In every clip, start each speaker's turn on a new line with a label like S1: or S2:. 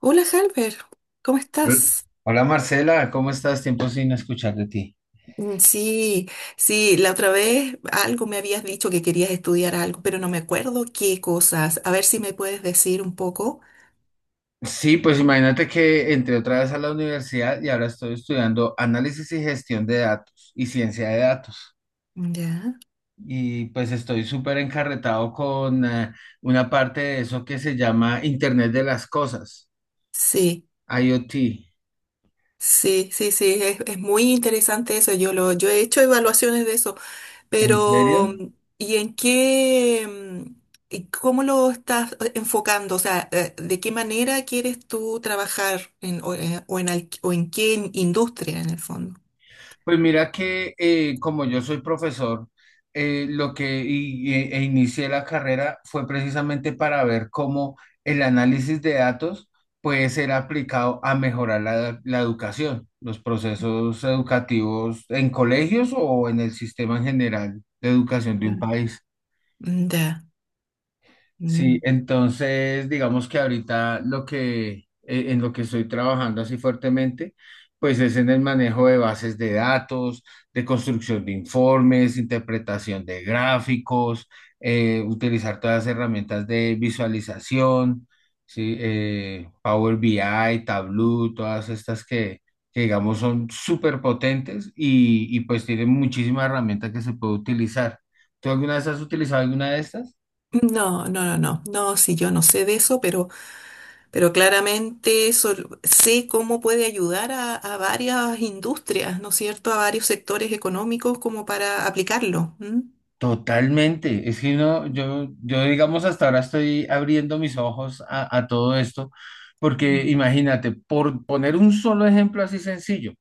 S1: Hola, Halber, ¿cómo
S2: Hol-
S1: estás?
S2: Hola Marcela, ¿cómo estás? Tiempo sin escuchar de ti.
S1: Sí, sí, la otra vez algo me habías dicho que querías estudiar algo, pero no me acuerdo qué cosas. A ver si me puedes decir un poco.
S2: Sí, pues imagínate que entré otra vez a la universidad y ahora estoy estudiando análisis y gestión de datos y ciencia de datos.
S1: Ya.
S2: Y pues estoy súper encarretado con una parte de eso que se llama Internet de las Cosas,
S1: Sí,
S2: IoT.
S1: sí, sí, sí, es muy interesante eso. Yo he hecho evaluaciones de eso,
S2: ¿En
S1: pero
S2: serio?
S1: ¿y en qué, mm, y cómo lo estás enfocando? O sea, ¿de qué manera quieres tú trabajar en, o en, o en qué industria en el fondo?
S2: Pues mira que como yo soy profesor, lo que y- e, e inicié la carrera fue precisamente para ver cómo el análisis de datos puede ser aplicado a mejorar la educación, los procesos educativos en colegios o en el sistema en general de educación de un país.
S1: Ya.
S2: Sí,
S1: Mm.
S2: entonces digamos que ahorita lo que en lo que estoy trabajando así fuertemente, pues es en el manejo de bases de datos, de construcción de informes, interpretación de gráficos, utilizar todas las herramientas de visualización, sí, Power BI, Tableau, todas estas que digamos son súper potentes y pues tienen muchísimas herramientas que se puede utilizar. ¿Tú alguna vez has utilizado alguna de estas?
S1: No, no, no, no. No, sí, yo no sé de eso, pero claramente sé cómo puede ayudar a varias industrias, ¿no es cierto? A varios sectores económicos como para aplicarlo. ¿M?
S2: Totalmente. Es que no, yo digamos hasta ahora estoy abriendo mis ojos a todo esto, porque
S1: Mm,
S2: imagínate, por poner un solo ejemplo así sencillo,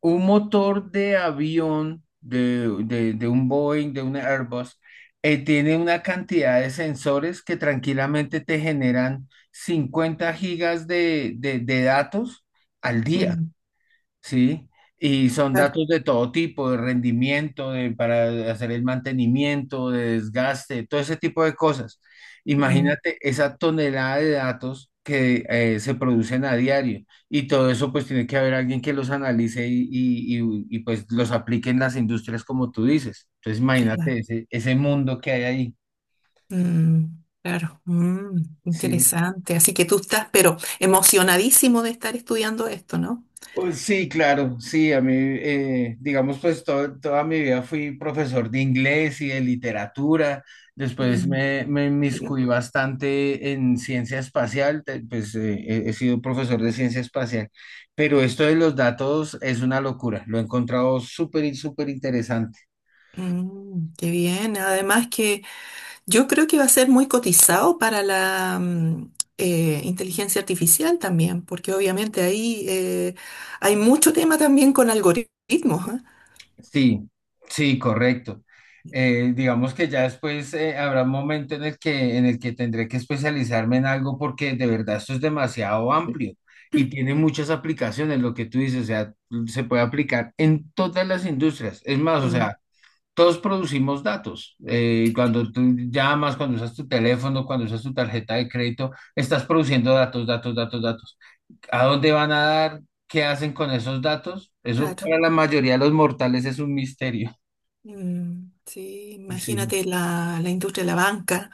S2: un motor de avión, de un Boeing, de un Airbus, tiene una cantidad de sensores que tranquilamente te generan 50 gigas de datos al día.
S1: mm.
S2: Sí, y son
S1: Claro.
S2: datos de todo tipo, de rendimiento, de, para hacer el mantenimiento, de desgaste, todo ese tipo de cosas.
S1: Mm,
S2: Imagínate esa tonelada de datos que se producen a diario, y todo eso pues tiene que haber alguien que los analice y pues los aplique en las industrias como tú dices. Entonces
S1: claro.
S2: imagínate ese mundo que hay ahí.
S1: Mm, claro. Mm,
S2: Sí.
S1: interesante. Así que tú estás, pero emocionadísimo de estar estudiando esto, ¿no?
S2: Pues sí, claro, sí, a mí, digamos, pues to- toda mi vida fui profesor de inglés y de literatura, después
S1: Mm.
S2: me inmiscuí bastante en ciencia espacial, he sido profesor de ciencia espacial, pero esto de los datos es una locura, lo he encontrado súper, y súper interesante.
S1: Qué bien. Además que yo creo que va a ser muy cotizado para la inteligencia artificial también, porque obviamente ahí hay mucho tema también con algoritmos, ¿ah?
S2: Sí, sí, correcto. Digamos que ya después habrá un momento en el que tendré que especializarme en algo porque de verdad esto es demasiado amplio y tiene muchas aplicaciones, lo que tú dices, o sea, se puede aplicar en todas las industrias. Es más, o sea,
S1: Mm,
S2: todos producimos datos. Cuando tú llamas, cuando usas tu teléfono, cuando usas tu tarjeta de crédito, estás produciendo datos, datos, datos, datos. ¿A dónde van a dar? ¿Qué hacen con esos datos? Eso
S1: claro.
S2: para la mayoría de los mortales es un misterio.
S1: Sí,
S2: Sí.
S1: imagínate la, la industria de la banca.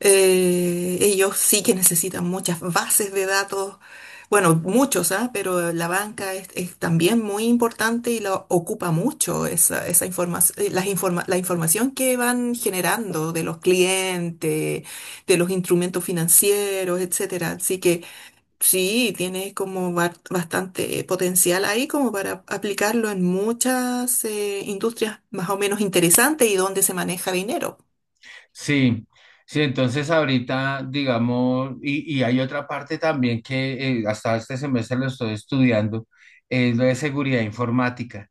S1: Ellos sí que necesitan muchas bases de datos, bueno, muchos, ¿ah? Pero la banca es también muy importante y la ocupa mucho esa, esa información, la información que van generando de los clientes, de los instrumentos financieros, etcétera. Así que sí, tiene como bastante potencial ahí como para aplicarlo en muchas industrias más o menos interesantes y donde se maneja dinero.
S2: Sí, sí, entonces ahorita, digamos, y hay otra parte también que hasta este semestre lo estoy estudiando, es lo de seguridad informática.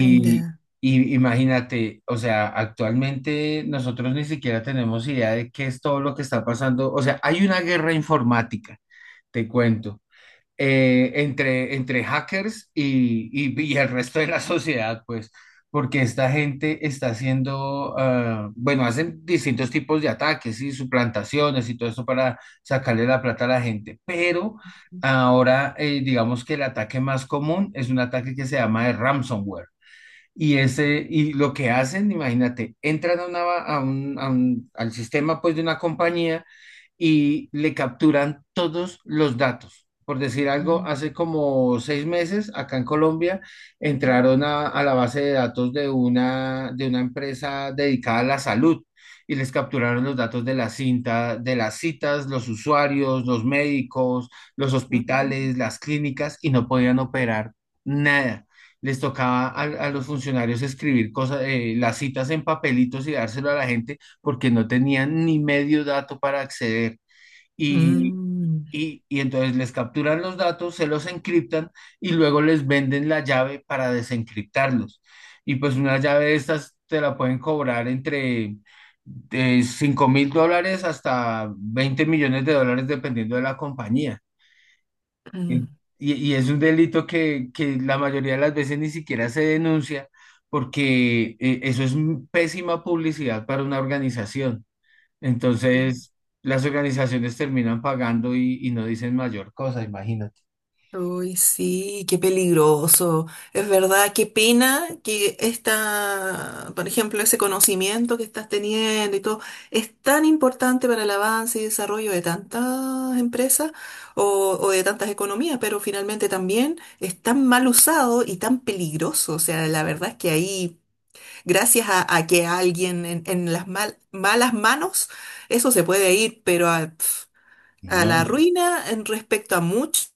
S1: Ya.
S2: y imagínate, o sea, actualmente nosotros ni siquiera tenemos idea de qué es todo lo que está pasando. O sea, hay una guerra informática, te cuento. Entre hackers y el resto de la sociedad, pues, porque esta gente está haciendo, ah, bueno, hacen distintos tipos de ataques y suplantaciones y todo eso para sacarle la plata a la gente, pero ahora digamos que el ataque más común es un ataque que se llama de ransomware. Y lo que hacen, imagínate, entran a una, a un- al sistema pues, de una compañía y le capturan todos los datos. Por decir algo,
S1: Mm,
S2: hace como seis meses acá en Colombia
S1: mm,
S2: entraron a la base de datos de una empresa dedicada a la salud y les capturaron los datos de las citas, los usuarios, los médicos, los
S1: mm,
S2: hospitales, las clínicas y no podían operar nada. Les tocaba a los funcionarios escribir cosas, las citas en papelitos y dárselo a la gente porque no tenían ni medio dato para acceder. Y,
S1: mm.
S2: y entonces les capturan los datos, se los encriptan y luego les venden la llave para desencriptarlos. Y pues una llave de estas te la pueden cobrar entre de 5 mil dólares hasta 20 millones de dólares dependiendo de la compañía. Y,
S1: Mm,
S2: y es un delito que la mayoría de las veces ni siquiera se denuncia porque eso es pésima publicidad para una organización.
S1: mm.
S2: Entonces, las organizaciones terminan pagando y no dicen mayor cosa, imagínate.
S1: Uy, sí, qué peligroso. Es verdad, qué pena que esta, por ejemplo, ese conocimiento que estás teniendo y todo es tan importante para el avance y desarrollo de tantas empresas o de tantas economías, pero finalmente también es tan mal usado y tan peligroso. O sea, la verdad es que ahí, gracias a que alguien en las malas manos, eso se puede ir, pero a, pf, a
S2: No,
S1: la ruina en respecto a mucho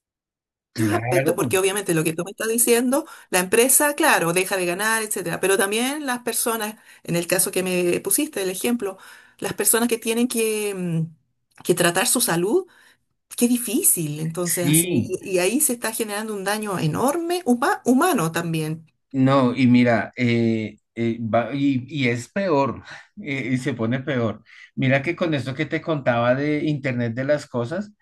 S1: muchos aspectos,
S2: claro,
S1: porque obviamente lo que tú me estás diciendo, la empresa, claro, deja de ganar, etcétera, pero también las personas, en el caso que me pusiste, el ejemplo, las personas que tienen que, que tratar su salud, qué difícil, entonces así,
S2: sí.
S1: y ahí se está generando un daño enorme, humano también.
S2: No, y mira, y es peor, y se pone peor. Mira que con esto que te contaba de Internet de las cosas,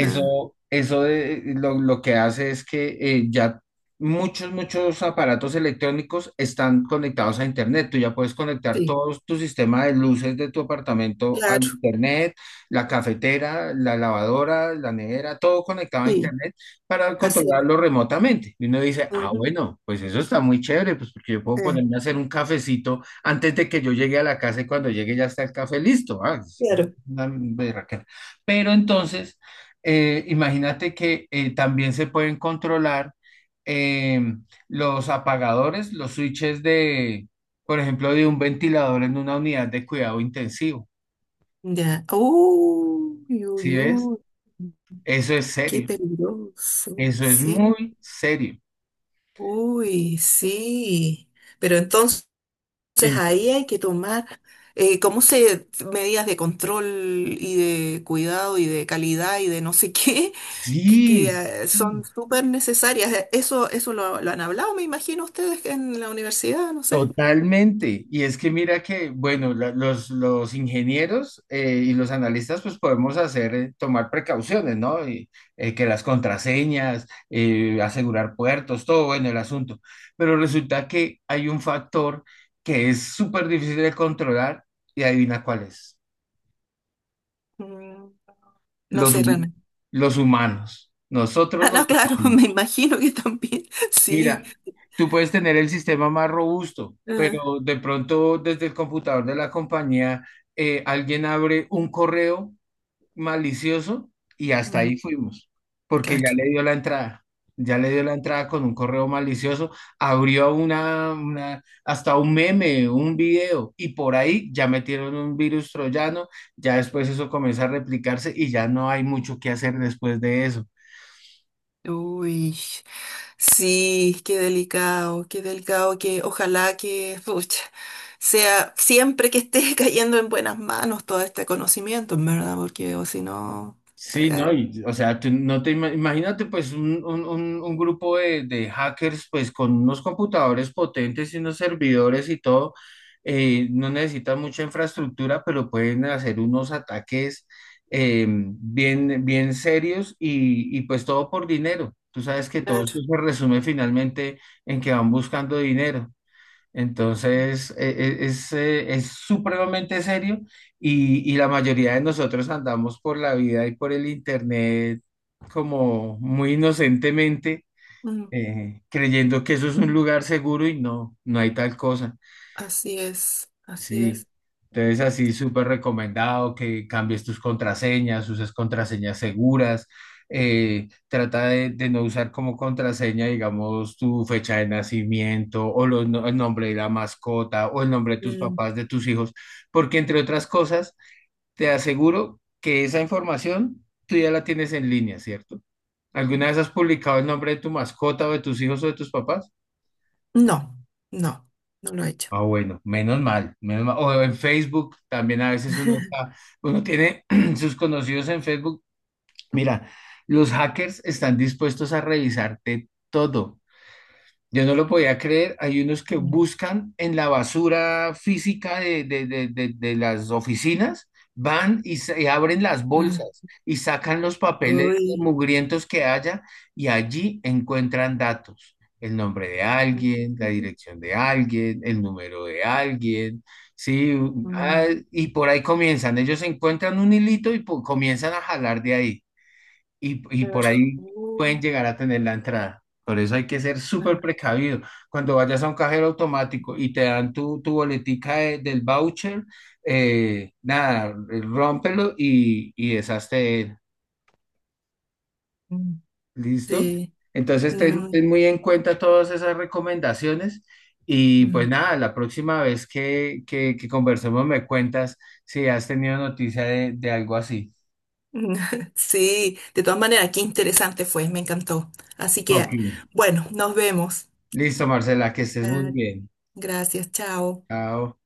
S1: Ah,
S2: eso de- lo, lo que hace es que ya muchos aparatos electrónicos están conectados a Internet. Tú ya puedes conectar
S1: sí,
S2: todo tu sistema de luces de tu apartamento al
S1: claro,
S2: Internet, la cafetera, la lavadora, la nevera, todo conectado a
S1: sí,
S2: Internet para
S1: así.
S2: controlarlo remotamente. Y uno dice, ah,
S1: Ujú,
S2: bueno, pues eso está muy chévere, pues porque yo puedo ponerme
S1: ah,
S2: a hacer un cafecito antes de que yo llegue a la casa y cuando llegue ya está el café listo. Ah, es
S1: claro.
S2: una berraquera. Pero entonces, imagínate que también se pueden controlar eh, los apagadores, los switches de, por ejemplo, de un ventilador en una unidad de cuidado intensivo.
S1: Ya. Uy,
S2: ¿Sí
S1: uy,
S2: ves?
S1: uy,
S2: Eso es
S1: qué
S2: serio.
S1: peligroso,
S2: Eso es
S1: sí.
S2: muy serio.
S1: Uy, sí, pero entonces ahí hay que tomar, ¿cómo se medidas de control y de cuidado y de calidad y de no sé qué,
S2: Sí,
S1: que,
S2: s-
S1: son súper necesarias? Eso, eso lo han hablado, me imagino ustedes en la universidad, no sé.
S2: Totalmente. Y es que mira que, bueno, los ingenieros y los analistas pues podemos hacer, tomar precauciones, ¿no? Que las contraseñas, asegurar puertos, todo bueno el asunto. Pero resulta que hay un factor que es súper difícil de controlar, y adivina cuál es.
S1: Mm, No
S2: Los,
S1: sé
S2: hu-
S1: realmente.
S2: los humanos. Nosotros
S1: Ah,
S2: los
S1: no, claro,
S2: humanos.
S1: me imagino que también, sí.
S2: Mira, tú puedes tener el sistema más robusto,
S1: eh,
S2: pero de pronto desde el computador de la compañía alguien abre un correo malicioso y hasta
S1: mm,
S2: ahí fuimos, porque ya
S1: claro.
S2: le dio la entrada, ya le dio la entrada con un correo malicioso, abrió hasta un meme, un video y por ahí ya metieron un virus troyano, ya después eso comienza a replicarse y ya no hay mucho que hacer después de eso.
S1: Uy. Sí, qué delicado, que ojalá que pucha, sea siempre que esté cayendo en buenas manos todo este conocimiento, en verdad, porque o si no,
S2: Sí,
S1: eh,
S2: ¿no? Y, o sea, tú no te ima- imagínate pues un, un grupo de hackers pues con unos computadores potentes y unos servidores y todo, no necesitan mucha infraestructura, pero pueden hacer unos ataques bien serios y pues todo por dinero. Tú sabes que todo
S1: claro.
S2: esto se resume finalmente en que van buscando dinero. Entonces, es supremamente serio y la mayoría de nosotros andamos por la vida y por el internet como muy inocentemente,
S1: Mm,
S2: creyendo que eso es un lugar seguro y no, no hay tal cosa.
S1: así es, así
S2: Sí,
S1: es.
S2: entonces así súper recomendado que cambies tus contraseñas, uses contraseñas seguras, trata de no usar como contraseña, digamos, tu fecha de nacimiento o los no- el nombre de la mascota o el nombre de tus
S1: Mm,
S2: papás, de tus hijos, porque entre otras cosas, te aseguro que esa información tú ya la tienes en línea, ¿cierto? ¿Alguna vez has publicado el nombre de tu mascota o de tus hijos o de tus papás?
S1: No, no, no lo he hecho.
S2: Ah, bueno, menos mal, menos mal. O en Facebook también a veces uno está, uno tiene sus conocidos en Facebook. Mira, los hackers están dispuestos a revisarte todo. Yo no lo podía creer. Hay unos que
S1: Mm,
S2: buscan en la basura física de las oficinas, van y abren las
S1: mm.
S2: bolsas y sacan los papeles
S1: Uy.
S2: mugrientos que haya, y allí encuentran datos. El nombre de alguien, la dirección de alguien, el número de alguien, sí,
S1: Mm,
S2: ah,
S1: mm.
S2: y por ahí comienzan. Ellos encuentran un hilito y comienzan a jalar de ahí, y por
S1: Claro.
S2: ahí
S1: Uh,
S2: pueden llegar a tener la entrada. Por eso hay que ser súper
S1: ah,
S2: precavido. Cuando vayas a un cajero automático y te dan tu boletica del voucher, nada, rómpelo y deshazte de él.
S1: mm.
S2: ¿Listo?
S1: Sí.
S2: Entonces ten,
S1: Mm,
S2: ten muy en cuenta todas esas recomendaciones y pues
S1: mm.
S2: nada, la próxima vez que conversemos me cuentas si has tenido noticia de algo así.
S1: Sí, de todas maneras, qué interesante fue, me encantó. Así que,
S2: Ok.
S1: bueno, nos vemos.
S2: Listo, Marcela, que estés muy
S1: Ah,
S2: bien.
S1: gracias, chao.
S2: Chao.